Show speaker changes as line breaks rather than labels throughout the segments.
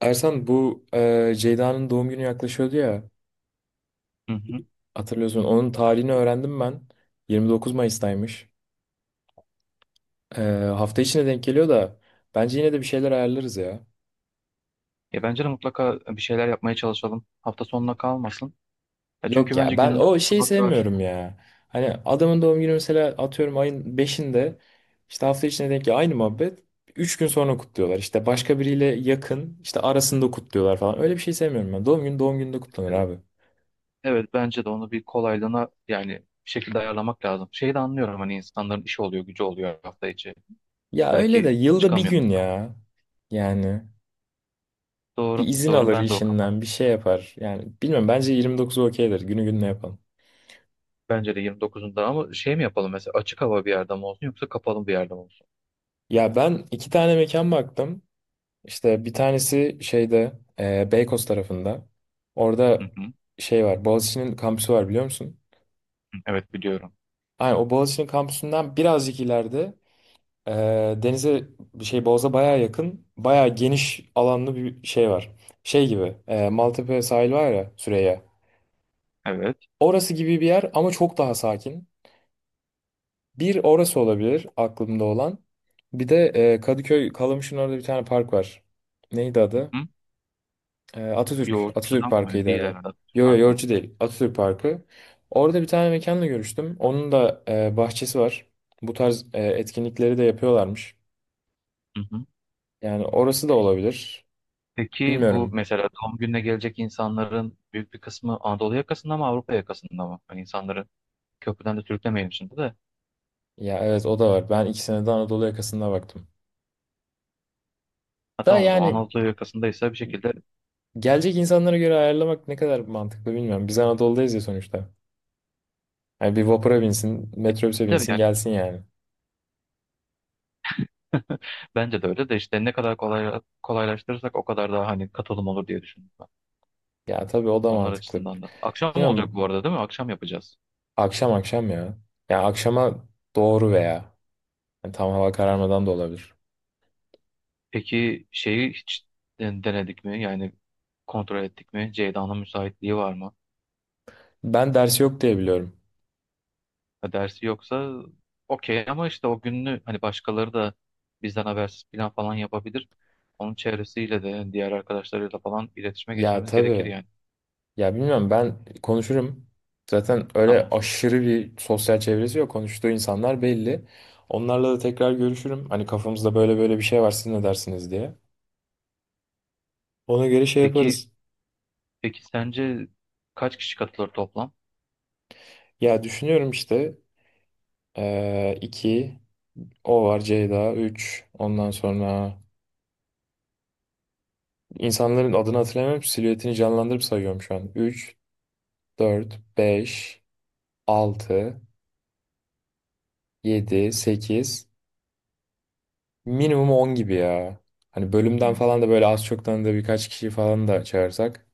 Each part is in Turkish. Ersan, bu Ceyda'nın doğum günü yaklaşıyordu ya,
Hı hı.
hatırlıyorsun. Onun tarihini öğrendim ben. 29 Mayıs'taymış. E, Hafta içine denk geliyor da bence yine de bir şeyler ayarlarız ya.
Ya bence de mutlaka bir şeyler yapmaya çalışalım. Hafta sonuna kalmasın. Ya çünkü
Yok
bence
ya, ben
gününü
o şeyi
kutlamak daha...
sevmiyorum ya. Hani adamın doğum günü mesela atıyorum ayın beşinde, işte hafta içine denk geliyor, aynı muhabbet. Üç gün sonra kutluyorlar, işte başka biriyle yakın işte arasında kutluyorlar falan. Öyle bir şey sevmiyorum ben, doğum günü doğum gününde kutlanır abi.
Evet bence de onu bir kolaylığına yani bir şekilde ayarlamak lazım. Şeyi de anlıyorum hani insanların işi oluyor, gücü oluyor hafta içi.
Ya öyle de
Belki
yılda bir
çıkamıyor.
gün ya, yani.
Doğru,
Bir izin
doğru
alır
ben de o kafa.
işinden, bir şey yapar. Yani bilmiyorum, bence 29'u okeydir. Günü gününe yapalım.
Bence de 29'unda ama şey mi yapalım mesela açık hava bir yerde mi olsun yoksa kapalı bir yerde mi olsun?
Ya, ben iki tane mekan baktım. İşte bir tanesi şeyde Beykoz tarafında.
Hı
Orada
hı.
şey var. Boğaziçi'nin kampüsü var, biliyor musun?
Evet biliyorum.
Aynen, o Boğaziçi'nin kampüsünden birazcık ileride e, denize, bir şey, Boğaz'a bayağı yakın. Bayağı geniş alanlı bir şey var. Şey gibi, Maltepe sahil var ya, Süreyya.
Evet.
Orası gibi bir yer ama çok daha sakin. Bir, orası olabilir aklımda olan. Bir de Kadıköy Kalamış'ın orada bir tane park var. Neydi adı?
Hı hı.
Atatürk. Atatürk
Yoğurtçudan mı?
Parkı'ydı
Değil
herhalde.
herhalde.
Yo yo,
Farklı
Yorucu değil. Atatürk Parkı. Orada bir tane mekanla görüştüm. Onun da bahçesi var. Bu tarz etkinlikleri de yapıyorlarmış.
mı?
Yani orası da olabilir.
Peki bu
Bilmiyorum.
mesela doğum gününe gelecek insanların büyük bir kısmı Anadolu yakasında mı Avrupa yakasında mı? Hani insanların köprüden de sürüklemeyelim şimdi de.
Ya evet, o da var. Ben ikisine de Anadolu yakasında baktım.
Ha
Da
tamam o zaman
yani,
Anadolu yakasındaysa bir şekilde
gelecek insanlara göre ayarlamak ne kadar mantıklı, bilmiyorum. Biz Anadolu'dayız ya sonuçta. Yani bir vapura binsin,
e,
metrobüse
tabii
binsin,
yani
gelsin yani.
bence de öyle de işte ne kadar kolay, kolaylaştırırsak o kadar daha hani katılım olur diye düşündüm ben.
Ya tabii, o da
Onlar
mantıklı.
açısından da. Akşam olacak bu
Bilmiyorum,
arada değil mi? Akşam yapacağız.
akşam akşam ya. Ya akşama doğru veya yani tam hava kararmadan da olabilir.
Peki şeyi hiç denedik mi? Yani kontrol ettik mi? Ceyda'nın müsaitliği var mı?
Ben dersi yok diye biliyorum.
Ya dersi yoksa okey ama işte o gününü hani başkaları da bizden habersiz plan falan yapabilir. Onun çevresiyle de yani diğer arkadaşlarıyla falan iletişime
Ya
geçmemiz gerekir
tabii.
yani.
Ya bilmiyorum, ben konuşurum. Zaten öyle
Tamam.
aşırı bir sosyal çevresi yok. Konuştuğu insanlar belli. Onlarla da tekrar görüşürüm. Hani kafamızda böyle böyle bir şey var, siz ne dersiniz diye. Ona göre şey
Peki
yaparız.
peki sence kaç kişi katılır toplam?
Ya düşünüyorum işte, 2. O var, Ceyda üç. Ondan sonra insanların adını hatırlamıyorum. Silüetini canlandırıp sayıyorum şu an. 3, 4, 5, 6, 7, sekiz. Minimum 10 gibi ya. Hani bölümden
Hmm.
falan da böyle az çok tanıdığı birkaç kişiyi falan da çağırsak.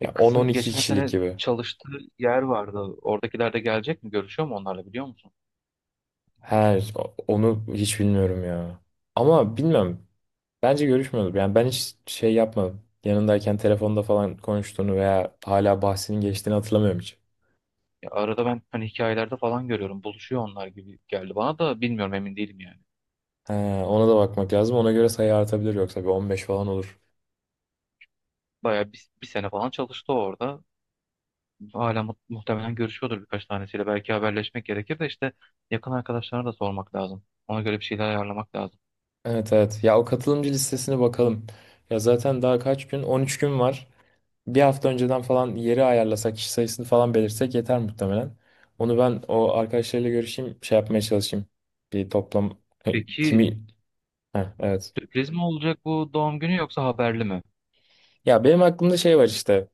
E,
Ya on-on
kızın
iki
geçen
kişilik
sene
gibi.
çalıştığı yer vardı. Oradakiler de gelecek mi? Görüşüyor mu onlarla biliyor musun?
Her, onu hiç bilmiyorum ya. Ama bilmem. Bence görüşmüyordur. Yani ben hiç şey yapmadım. Yanındayken telefonda falan konuştuğunu veya hala bahsinin geçtiğini hatırlamıyorum hiç.
Ya arada ben hani hikayelerde falan görüyorum. Buluşuyor onlar gibi geldi bana da bilmiyorum emin değilim yani.
He, ona da bakmak lazım. Ona göre sayı artabilir, yoksa bir 15 falan olur.
Bayağı bir sene falan çalıştı orada. Hala muhtemelen görüşüyordur birkaç tanesiyle. Belki haberleşmek gerekir de işte yakın arkadaşlarına da sormak lazım. Ona göre bir şeyler ayarlamak lazım.
Evet evet. Ya o katılımcı listesine bakalım. Ya zaten daha kaç gün? 13 gün var. Bir hafta önceden falan yeri ayarlasak, kişi sayısını falan belirsek yeter muhtemelen. Onu ben o arkadaşlarıyla görüşeyim, şey yapmaya çalışayım. Bir toplam, e,
Peki
kimi. Heh, evet.
sürpriz mi olacak bu doğum günü yoksa haberli mi?
Ya benim aklımda şey var işte.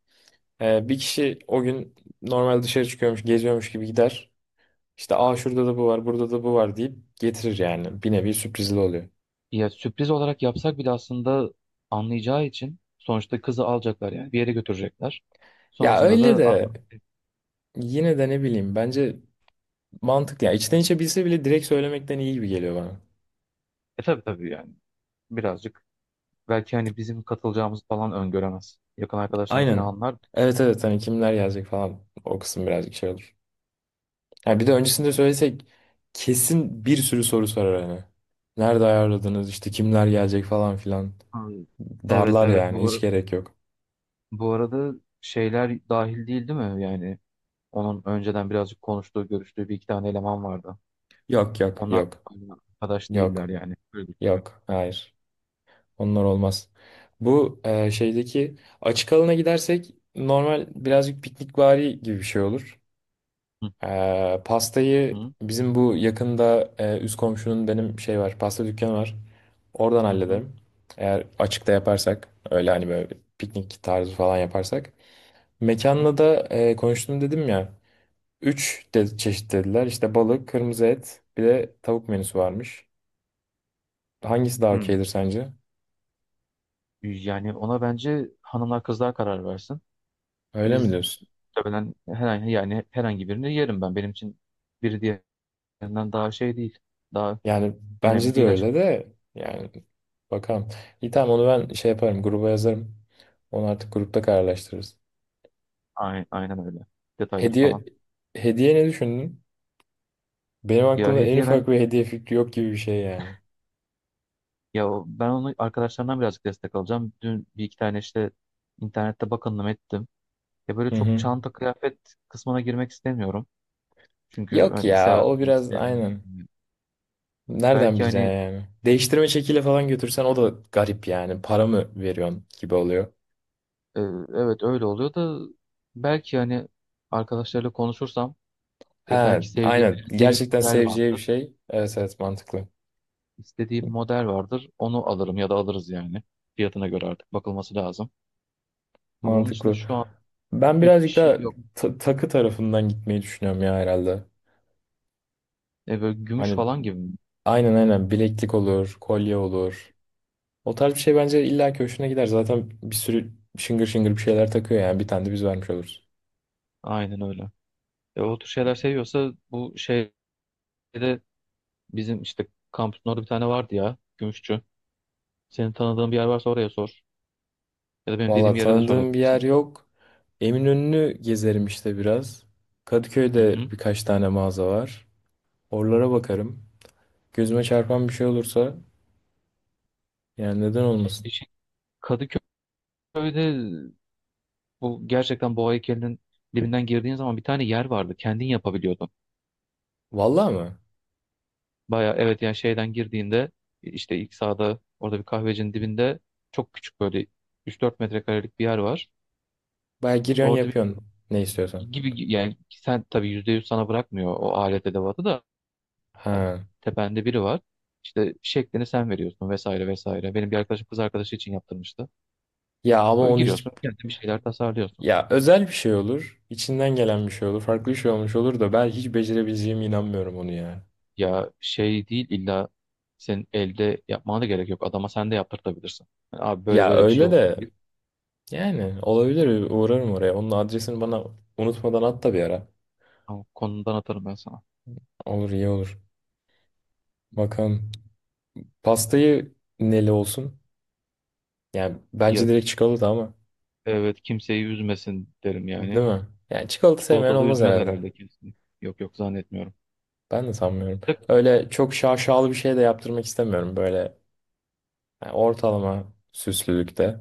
Bir kişi o gün normal dışarı çıkıyormuş, geziyormuş gibi gider. İşte aa şurada da bu var, burada da bu var deyip getirir yani. Bir nevi sürprizli oluyor.
Ya sürpriz olarak yapsak bile aslında anlayacağı için sonuçta kızı alacaklar yani bir yere götürecekler.
Ya
Sonrasında
öyle
da Aa,
de yine de ne bileyim, bence mantıklı. Ya içten içe bilse bile direkt söylemekten iyi gibi geliyor bana.
e tabii tabii yani birazcık belki hani bizim katılacağımız falan öngöremez. Yakın arkadaşlarına falan
Aynen.
anlar.
Evet evet, hani kimler gelecek falan, o kısım birazcık şey olur. Ha bir de öncesinde söylesek kesin bir sürü soru sorar hani. Nerede ayarladınız, işte kimler gelecek falan filan.
Hmm. Evet
Darlar
evet
yani,
bu,
hiç
ar-
gerek yok.
Bu arada şeyler dahil değil değil mi yani? Onun önceden birazcık konuştuğu, görüştüğü bir iki tane eleman vardı.
Yok yok
Onlar
yok
arkadaş değiller
yok
yani. Öyle düşünüyorum.
yok, hayır, onlar olmaz. Bu şeydeki açık alana gidersek normal birazcık piknikvari gibi bir şey olur.
Hı
Pastayı
hı
bizim bu yakında, üst komşunun, benim şey var, pasta dükkanı var. Oradan
hı hı.
hallederim. Eğer açıkta yaparsak öyle hani böyle piknik tarzı falan yaparsak.
Hı.
Mekanla da konuştum dedim ya. Üç de çeşit dediler. İşte balık, kırmızı et, bir de tavuk menüsü varmış. Hangisi daha okeydir sence?
Yani ona bence hanımlar kızlar karar versin.
Öyle mi
Biz
diyorsun?
tabii ben herhangi yani herhangi birini yerim ben. Benim için biri diğerinden daha şey değil. Daha
Yani
önemli
bence de
değil
öyle
açıkçası.
de, yani bakalım. İyi tamam, onu ben şey yaparım, gruba yazarım. Onu artık grupta kararlaştırırız.
Aynen, aynen öyle. Detayları falan.
Hediye hediye ne düşündün? Benim
Ya
aklımda en
hediye ben
ufak bir hediye fikri yok gibi bir şey yani.
ya ben onu arkadaşlarımdan birazcık destek alacağım. Dün bir iki tane işte internette bakındım ettim. Ya böyle
Hı
çok
hı.
çanta kıyafet kısmına girmek istemiyorum. Çünkü
Yok
hani
ya,
sever
o
mi,
biraz
sevmez
aynen.
mi?
Nereden
Belki
bileceksin
hani
yani? Değiştirme çekiyle falan götürsen o da garip yani. Para mı veriyorsun gibi oluyor.
e, evet öyle oluyor da belki hani arkadaşlarla konuşursam
Ha
belki sevdiği,
aynen.
beğendiği bir
Gerçekten
model
seveceği bir
vardır.
şey. Evet evet, mantıklı.
İstediği bir model vardır. Onu alırım ya da alırız yani. Fiyatına göre artık bakılması lazım. Ama onun dışında
Mantıklı.
şu an
Ben
pek bir
birazcık
şey
daha
yok.
takı tarafından gitmeyi düşünüyorum ya, herhalde.
E, böyle gümüş
Hani
falan gibi mi?
aynen aynen, bileklik olur, kolye olur. O tarz bir şey bence illa ki hoşuna gider. Zaten bir sürü şıngır şıngır bir şeyler takıyor yani. Bir tane de biz vermiş oluruz.
Aynen öyle. E, o tür şeyler seviyorsa bu şeyde bizim işte kampüsün orada bir tane vardı ya. Gümüşçü. Senin tanıdığın bir yer varsa oraya sor. Ya da benim dediğim
Valla
yere de
tanıdığım bir yer
sorabilirsin.
yok. Eminönü'nü gezerim işte biraz.
Hı hı.
Kadıköy'de birkaç tane mağaza var. Oralara bakarım. Gözüme çarpan bir şey olursa, yani neden olmasın?
E şey, Kadıköy'de bu gerçekten boğa heykelinin dibinden girdiğin zaman bir tane yer vardı. Kendin yapabiliyordun.
Valla mı?
Baya evet yani şeyden girdiğinde işte ilk sağda orada bir kahvecinin dibinde çok küçük böyle üç dört metrekarelik bir yer var.
Baya giriyorsun,
Orada bir
yapıyorsun ne istiyorsan.
gibi yani sen tabii %100 sana bırakmıyor o alet edevatı da
Ha.
tepende biri var. İşte şeklini sen veriyorsun vesaire vesaire. Benim bir arkadaşım kız arkadaşı için yaptırmıştı.
Ya ama
Böyle
onu hiç,
giriyorsun, kendin bir şeyler tasarlıyorsun.
ya özel bir şey olur. İçinden gelen bir şey olur. Farklı bir şey olmuş olur da ben hiç becerebileceğime inanmıyorum onu ya.
Ya şey değil illa senin elde yapmana da gerek yok. Adama sen de yaptırtabilirsin. Yani abi böyle
Ya
böyle bir şey
öyle
olsun.
de,
Bir,
yani olabilir, uğrarım oraya. Onun adresini bana unutmadan at da bir ara.
tamam, konudan atarım ben sana.
Olur, iyi olur. Bakalım. Pastayı neli olsun? Yani bence
Ya,
direkt çikolata ama.
evet kimseyi üzmesin derim yani.
Değil mi? Yani çikolata sevmeyen
Çikolatalı
olmaz
üzmez
herhalde.
herhalde kesin. Yok yok zannetmiyorum.
Ben de sanmıyorum.
De-
Öyle çok şaşalı bir şey de yaptırmak istemiyorum. Böyle yani ortalama süslülükte.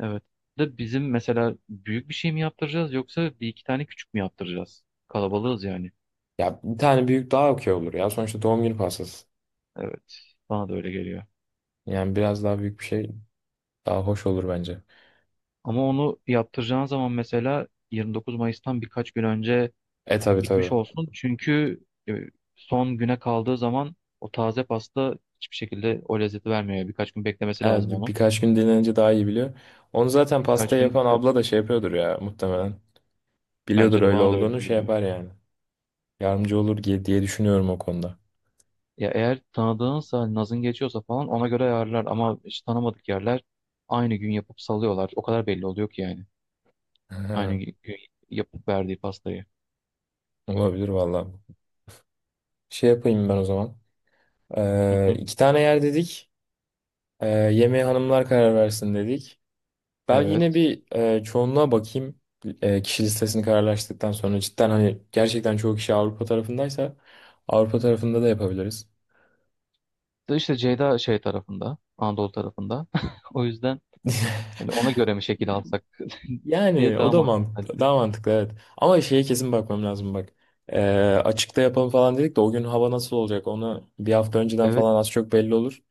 Evet. De bizim mesela büyük bir şey mi yaptıracağız yoksa bir iki tane küçük mü yaptıracağız? Kalabalığız yani.
Ya bir tane büyük daha okey olur ya. Sonuçta doğum günü pastası.
Evet. Bana da öyle geliyor.
Yani biraz daha büyük bir şey daha hoş olur bence.
Ama onu yaptıracağın zaman mesela 29 Mayıs'tan birkaç gün önce
E tabii
bitmiş
tabii.
olsun. Çünkü e, son güne kaldığı zaman o taze pasta hiçbir şekilde o lezzeti vermiyor. Birkaç gün beklemesi lazım
Evet,
onu.
birkaç gün dinlenince daha iyi biliyor. Onu zaten pasta
Birkaç gün
yapan
işte
abla da şey yapıyordur ya muhtemelen. Biliyordur
bence de
öyle
bana da öyle
olduğunu, şey
geliyor.
yapar yani. Yardımcı olur diye diye düşünüyorum o konuda.
Ya eğer tanıdığınsa hani nazın geçiyorsa falan ona göre ayarlar ama hiç tanımadık yerler aynı gün yapıp salıyorlar. O kadar belli oluyor ki yani. Aynı
Aha.
gün yapıp verdiği pastayı.
Olabilir valla. Şey yapayım ben o zaman.
Hı hı.
İki tane yer dedik. Yemeği hanımlar karar versin dedik. Ben yine
Evet.
bir çoğunluğa bakayım. Kişi listesini kararlaştıktan sonra cidden, hani gerçekten çoğu kişi Avrupa tarafındaysa Avrupa tarafında da yapabiliriz.
De İşte Ceyda şey tarafında, Anadolu tarafında. O yüzden hani ona göre mi şekil alsak diye
Yani o
daha
da
mantıklı. Hani,
mantıklı, daha mantıklı, evet. Ama şeye kesin bakmam lazım, bak. Ee, Açıkta yapalım falan dedik de, o gün hava nasıl olacak, onu bir hafta önceden
evet
falan az çok belli olur.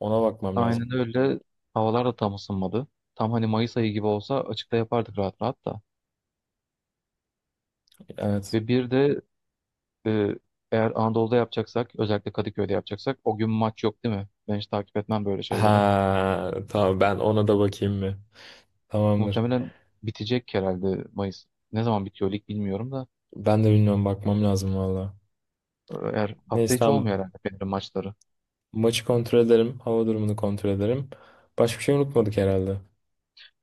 Ona bakmam lazım.
aynen öyle. Havalar da tam ısınmadı. Tam hani Mayıs ayı gibi olsa açıkta yapardık rahat rahat da.
Evet.
Ve bir de e, eğer Anadolu'da yapacaksak, özellikle Kadıköy'de yapacaksak o gün maç yok değil mi? Ben hiç takip etmem böyle şeyleri.
Ha tamam, ben ona da bakayım mı? Tamamdır.
Muhtemelen bitecek herhalde Mayıs. Ne zaman bitiyor lig bilmiyorum da.
Ben de bilmiyorum, bakmam lazım valla.
Eğer hafta
Neyse
içi
tamam,
olmuyor herhalde Fener'in maçları.
maçı kontrol ederim. Hava durumunu kontrol ederim. Başka bir şey unutmadık herhalde.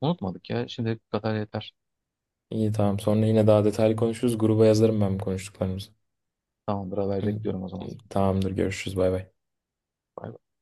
Unutmadık ya. Şimdi bu kadar yeter.
İyi tamam, sonra yine daha detaylı konuşuruz. Gruba yazarım ben bu konuştuklarımızı.
Tamamdır haber
Hı,
bekliyorum o zaman.
hı. Tamamdır, görüşürüz, bay bay.
Bay bay.